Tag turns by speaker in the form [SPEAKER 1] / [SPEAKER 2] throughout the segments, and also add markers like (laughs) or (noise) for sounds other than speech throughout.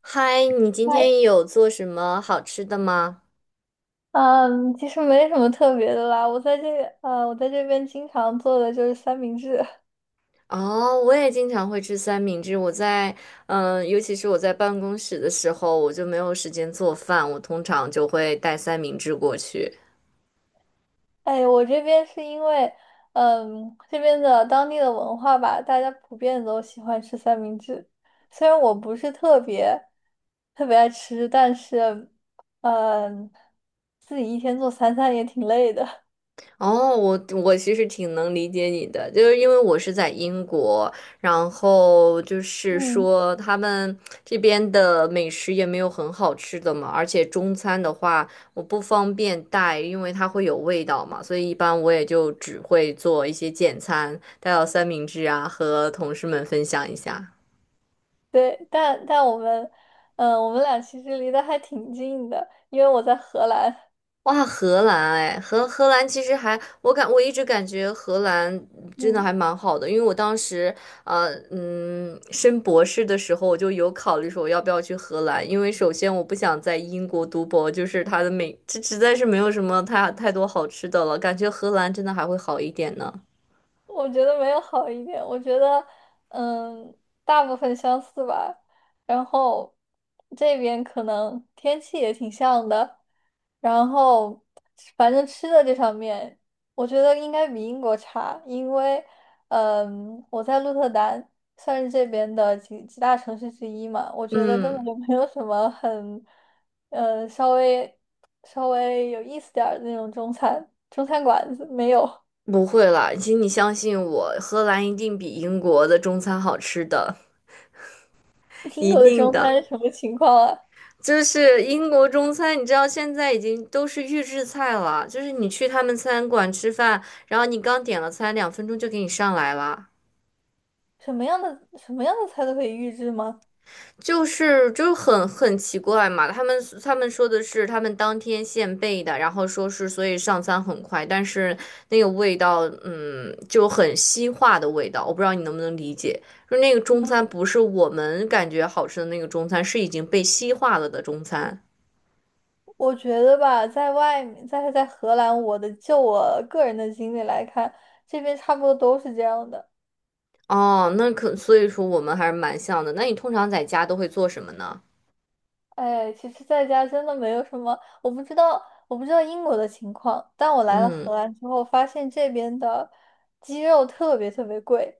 [SPEAKER 1] 嗨，你今
[SPEAKER 2] 嗨，
[SPEAKER 1] 天有做什么好吃的吗？
[SPEAKER 2] 嗯，其实没什么特别的啦。我在这边经常做的就是三明治。(laughs)
[SPEAKER 1] 哦，我也经常会吃三明治。我在，尤其是我在办公室的时候，我就没有时间做饭，我通常就会带三明治过去。
[SPEAKER 2] 哎，我这边是因为这边的当地的文化吧，大家普遍都喜欢吃三明治。虽然我不是特别特别爱吃，但是，嗯，自己一天做三餐也挺累的。
[SPEAKER 1] 哦，我其实挺能理解你的，就是因为我是在英国，然后就
[SPEAKER 2] (laughs)
[SPEAKER 1] 是
[SPEAKER 2] 嗯，
[SPEAKER 1] 说他们这边的美食也没有很好吃的嘛，而且中餐的话我不方便带，因为它会有味道嘛，所以一般我也就只会做一些简餐，带到三明治啊，和同事们分享一下。
[SPEAKER 2] 对，但我们，我们俩其实离得还挺近的，因为我在荷兰。
[SPEAKER 1] 哇，荷兰哎，荷兰其实还，我一直感觉荷兰
[SPEAKER 2] (laughs)
[SPEAKER 1] 真的
[SPEAKER 2] 嗯。
[SPEAKER 1] 还蛮好的，因为我当时升博士的时候，我就有考虑说我要不要去荷兰，因为首先我不想在英国读博，就是它的美，这实在是没有什么太多好吃的了，感觉荷兰真的还会好一点呢。
[SPEAKER 2] 我觉得没有好一点，我觉得，嗯，大部分相似吧。然后这边可能天气也挺像的，然后反正吃的这方面，我觉得应该比英国差，因为我在鹿特丹算是这边的几大城市之一嘛，我觉得根本
[SPEAKER 1] 嗯，
[SPEAKER 2] 就没有什么呃，稍微稍微有意思点儿的那种中餐馆子没有。
[SPEAKER 1] 不会啦，请你相信我，荷兰一定比英国的中餐好吃的，(laughs)
[SPEAKER 2] 英
[SPEAKER 1] 一
[SPEAKER 2] 国的
[SPEAKER 1] 定
[SPEAKER 2] 中
[SPEAKER 1] 的。
[SPEAKER 2] 餐是什么情况啊？
[SPEAKER 1] 就是英国中餐，你知道现在已经都是预制菜了，就是你去他们餐馆吃饭，然后你刚点了餐，两分钟就给你上来了，
[SPEAKER 2] 什么样的菜都可以预制吗？
[SPEAKER 1] 就是就很奇怪嘛。他们说的是他们当天现备的，然后说是所以上餐很快，但是那个味道，就很西化的味道，我不知道你能不能理解，就那个中餐不是我们感觉好吃的那个中餐，是已经被西化了的中餐。
[SPEAKER 2] 我觉得吧，在外面，在荷兰，我的就我个人的经历来看，这边差不多都是这样的。
[SPEAKER 1] 哦，那可，所以说我们还是蛮像的。那你通常在家都会做什么呢？
[SPEAKER 2] 哎，其实在家真的没有什么，我不知道英国的情况，但我来了荷
[SPEAKER 1] 嗯，
[SPEAKER 2] 兰之后，发现这边的鸡肉特别特别贵，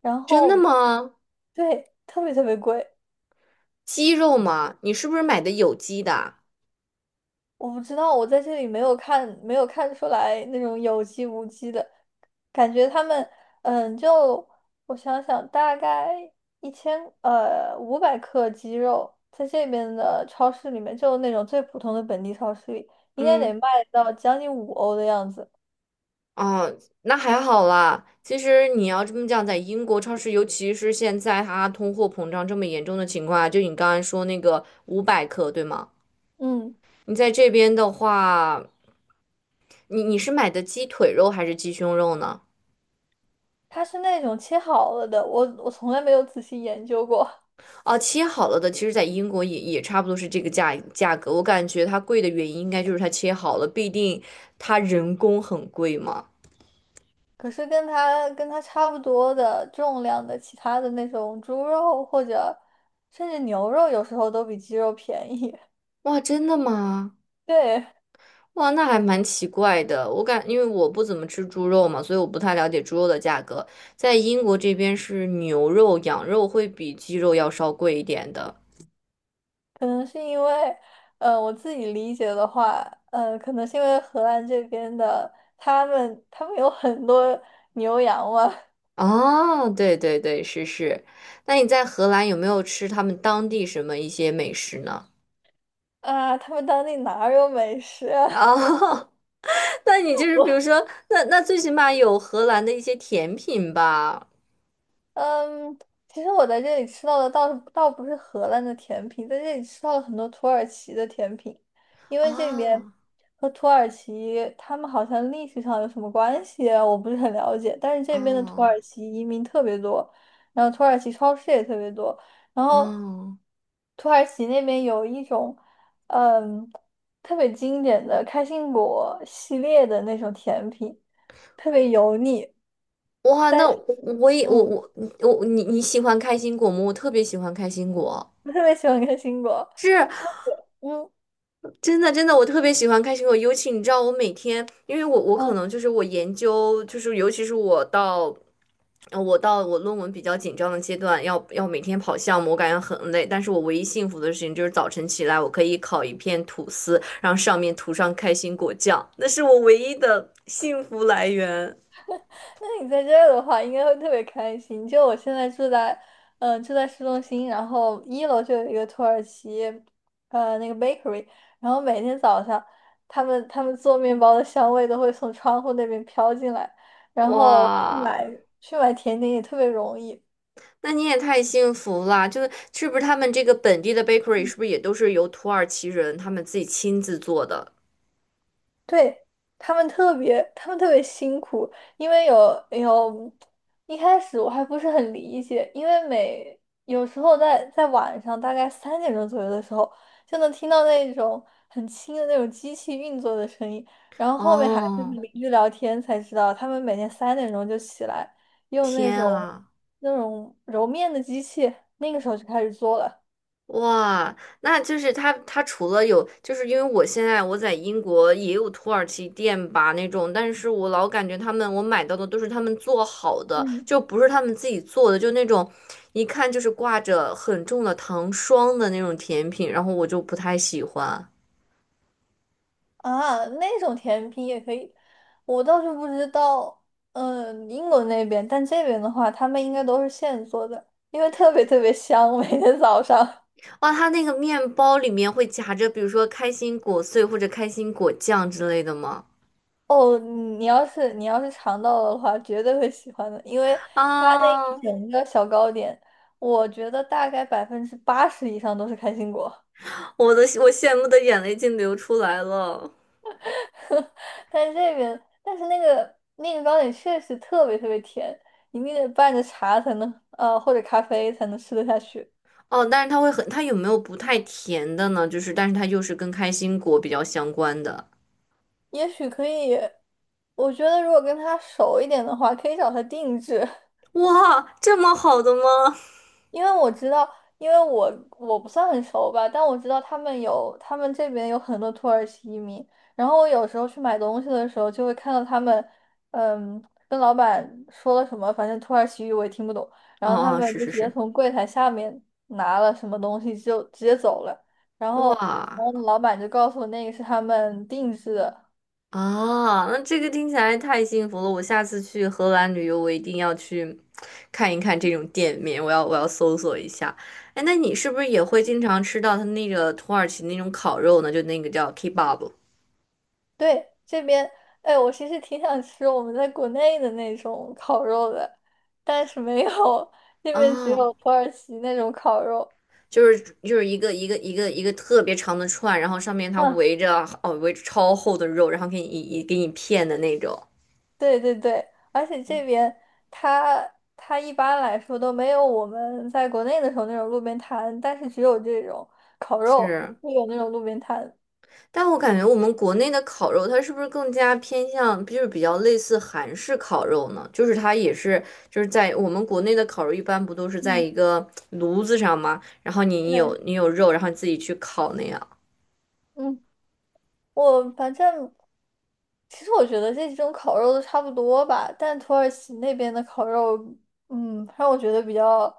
[SPEAKER 2] 然
[SPEAKER 1] 真的
[SPEAKER 2] 后
[SPEAKER 1] 吗？
[SPEAKER 2] 对，特别特别贵。
[SPEAKER 1] 鸡肉吗？你是不是买的有机的？
[SPEAKER 2] 我不知道，我在这里没有看，没有看出来那种有机无机的感觉。他们，嗯，就我想想，大概一千五百克鸡肉，在这边的超市里面，就那种最普通的本地超市里，应该得
[SPEAKER 1] 嗯，
[SPEAKER 2] 卖到将近5欧的样子。
[SPEAKER 1] 哦，那还好啦。其实你要这么讲，在英国超市，尤其是现在它通货膨胀这么严重的情况下，就你刚才说那个五百克，对吗？
[SPEAKER 2] 嗯，
[SPEAKER 1] 你在这边的话，你是买的鸡腿肉还是鸡胸肉呢？
[SPEAKER 2] 它是那种切好了的，我从来没有仔细研究过。
[SPEAKER 1] 哦，切好了的，其实在英国也差不多是这个价格。我感觉它贵的原因应该就是它切好了，必定它人工很贵嘛。
[SPEAKER 2] 可是跟它差不多的重量的其他的那种猪肉或者甚至牛肉，有时候都比鸡肉便宜。
[SPEAKER 1] 哇，真的吗？
[SPEAKER 2] (laughs) 对，
[SPEAKER 1] 哇，那还蛮奇怪的。因为我不怎么吃猪肉嘛，所以我不太了解猪肉的价格。在英国这边是牛肉、羊肉会比鸡肉要稍贵一点的。
[SPEAKER 2] 可能是因为，呃，我自己理解的话，可能是因为荷兰这边的他们有很多牛羊嘛。
[SPEAKER 1] 哦，对，是。那你在荷兰有没有吃他们当地什么一些美食呢？
[SPEAKER 2] (laughs) 啊，他们当地哪儿有美食啊？
[SPEAKER 1] (laughs) 哦。那你就是比如说，那最起码有荷兰的一些甜品吧？
[SPEAKER 2] 嗯，其实我在这里吃到的倒不是荷兰的甜品，在这里吃到了很多土耳其的甜品，因为这边
[SPEAKER 1] 啊
[SPEAKER 2] 和土耳其他们好像历史上有什么关系啊，我不是很了解。但是这边的土
[SPEAKER 1] 啊
[SPEAKER 2] 耳其移民特别多，然后土耳其超市也特别多，然后
[SPEAKER 1] 啊！
[SPEAKER 2] 土耳其那边有一种嗯特别经典的开心果系列的那种甜品，特别油腻，
[SPEAKER 1] 哇，
[SPEAKER 2] 但
[SPEAKER 1] 那
[SPEAKER 2] 是
[SPEAKER 1] 我也我
[SPEAKER 2] 嗯。
[SPEAKER 1] 我我你你喜欢开心果吗？我特别喜欢开心果。
[SPEAKER 2] (laughs) 我特别喜欢看新果。
[SPEAKER 1] 是
[SPEAKER 2] 就嗯
[SPEAKER 1] 真的，真的，我特别喜欢开心果。尤其你知道，我每天，因为我可
[SPEAKER 2] 嗯，
[SPEAKER 1] 能就是尤其是我到我论文比较紧张的阶段，每天跑项目，我感觉很累。但是我唯一幸福的事情就是早晨起来，我可以烤一片吐司，然后上面涂上开心果酱，那是我唯一的幸福来源。
[SPEAKER 2] 那你在这儿的话，应该会特别开心。就我现在住在市中心，然后一楼就有一个土耳其，那个 bakery，然后每天早上，他们做面包的香味都会从窗户那边飘进来，然后
[SPEAKER 1] 哇，
[SPEAKER 2] 去买甜点也特别容易。
[SPEAKER 1] 那你也太幸福啦！就是是不是他们这个本地的 bakery 是不是也都是由土耳其人他们自己亲自做的？
[SPEAKER 2] 对，他们特别辛苦，因为一开始我还不是很理解，因为每有时候在晚上大概三点钟左右的时候，就能听到那种很轻的那种机器运作的声音，然后后面还跟
[SPEAKER 1] 哦，
[SPEAKER 2] 邻居聊天才知道，他们每天三点钟就起来，用
[SPEAKER 1] 天啊！
[SPEAKER 2] 那种揉面的机器，那个时候就开始做了。
[SPEAKER 1] 哇，那就是他，他除了有，就是因为我现在我在英国也有土耳其店吧那种，但是我老感觉他们我买到的都是他们做好的，
[SPEAKER 2] 嗯。
[SPEAKER 1] 就不是他们自己做的，就那种一看就是挂着很重的糖霜的那种甜品，然后我就不太喜欢。
[SPEAKER 2] 啊，那种甜品也可以，我倒是不知道，英国那边，但这边的话，他们应该都是现做的，因为特别特别香，每天早上。
[SPEAKER 1] 哇，他那个面包里面会夹着，比如说开心果碎或者开心果酱之类的吗？
[SPEAKER 2] 哦，你要是尝到了的话，绝对会喜欢的，因为它那
[SPEAKER 1] 啊，
[SPEAKER 2] 一整个小糕点，我觉得大概80%以上都是开心果。
[SPEAKER 1] 我羡慕的眼泪竟流出来了。
[SPEAKER 2] (laughs) 但是这边，但是那个糕点确实特别特别甜，你必须得拌着茶才能，或者咖啡才能吃得下去。
[SPEAKER 1] 哦，但是它会很，它有没有不太甜的呢？就是，但是它又是跟开心果比较相关的。
[SPEAKER 2] 也许可以，我觉得如果跟他熟一点的话，可以找他定制。(laughs)
[SPEAKER 1] 哇，这么好的吗？
[SPEAKER 2] 因为我知道，因为我不算很熟吧，但我知道他们这边有很多土耳其移民，然后我有时候去买东西的时候，就会看到他们，嗯，跟老板说了什么，反正土耳其语我也听不懂，然
[SPEAKER 1] 哦
[SPEAKER 2] 后他
[SPEAKER 1] 哦，
[SPEAKER 2] 们
[SPEAKER 1] 是
[SPEAKER 2] 就
[SPEAKER 1] 是
[SPEAKER 2] 直接
[SPEAKER 1] 是，
[SPEAKER 2] 从柜台下面拿了什么东西就直接走了，然后
[SPEAKER 1] 哇
[SPEAKER 2] 然后老板就告诉我那个是他们定制的。
[SPEAKER 1] 啊，那这个听起来太幸福了！我下次去荷兰旅游，我一定要去看一看这种店面，我要搜索一下。哎，那你是不是也会经常吃到它那个土耳其那种烤肉呢？就那个叫 kebab。
[SPEAKER 2] 对，这边，哎，我其实挺想吃我们在国内的那种烤肉的，但是没有，这边只
[SPEAKER 1] 啊？
[SPEAKER 2] 有土耳其那种烤肉。
[SPEAKER 1] 就是就是一个特别长的串，然后上面它
[SPEAKER 2] 嗯，
[SPEAKER 1] 围着超厚的肉，然后给你片的那种。
[SPEAKER 2] 对对对，而且这边它它一般来说都没有我们在国内的时候那种路边摊，但是只有这种烤肉
[SPEAKER 1] 是，
[SPEAKER 2] 会有那种路边摊。
[SPEAKER 1] 但我感觉我们国内的烤肉，它是不是更加偏向就是比较类似韩式烤肉呢？就是它也是就是在我们国内的烤肉一般不都是在
[SPEAKER 2] 嗯，
[SPEAKER 1] 一个炉子上吗？然后你你
[SPEAKER 2] 对，
[SPEAKER 1] 有你有肉，然后你自己去烤那样。
[SPEAKER 2] 嗯，我反正其实我觉得这几种烤肉都差不多吧，但土耳其那边的烤肉，让我觉得比较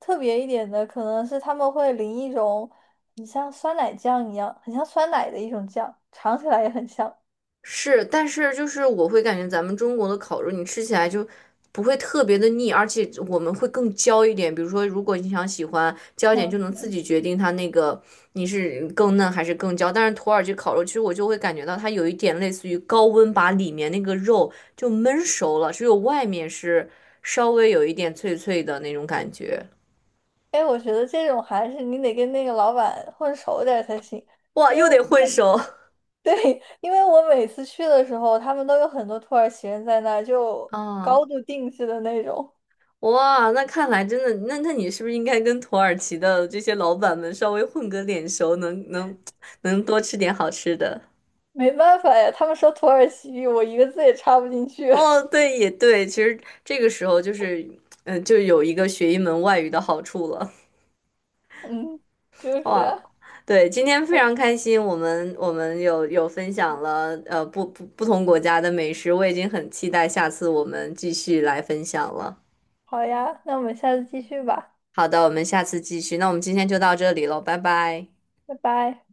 [SPEAKER 2] 特别一点的，可能是他们会淋一种很像酸奶酱一样，很像酸奶的一种酱，尝起来也很像。
[SPEAKER 1] 是，但是就是我会感觉咱们中国的烤肉，你吃起来就不会特别的腻，而且我们会更焦一点。比如说，如果你想喜欢焦一点，就
[SPEAKER 2] 嗯，
[SPEAKER 1] 能自
[SPEAKER 2] 嗯
[SPEAKER 1] 己决定它那个你是更嫩还是更焦。但是土耳其烤肉，其实我就会感觉到它有一点类似于高温把里面那个肉就焖熟了，只有外面是稍微有一点脆脆的那种感觉。
[SPEAKER 2] 哎，我觉得这种还是你得跟那个老板混熟点儿才行，
[SPEAKER 1] 哇，
[SPEAKER 2] 因为
[SPEAKER 1] 又
[SPEAKER 2] 我
[SPEAKER 1] 得
[SPEAKER 2] 每
[SPEAKER 1] 混熟。
[SPEAKER 2] (laughs) 对，因为我每次去的时候，他们都有很多土耳其人在那儿就
[SPEAKER 1] (laughs) 啊！
[SPEAKER 2] 高度定制的那种。
[SPEAKER 1] 哇，那看来真的，那你是不是应该跟土耳其的这些老板们稍微混个脸熟，能多吃点好吃的？
[SPEAKER 2] 没办法呀，他们说土耳其语，我一个字也插不进去。
[SPEAKER 1] 哦，对，也对，其实这个时候就是，就有一个学一门外语的好处了。
[SPEAKER 2] (laughs) 嗯，就是
[SPEAKER 1] 哇，
[SPEAKER 2] 啊，
[SPEAKER 1] 对，今天非常开心，我们分享了不同国家的美食，我已经很期待下次我们继续来分享了。
[SPEAKER 2] 好呀，那我们下次继续吧。
[SPEAKER 1] 好的，我们下次继续，那我们今天就到这里喽，拜拜。
[SPEAKER 2] 拜拜。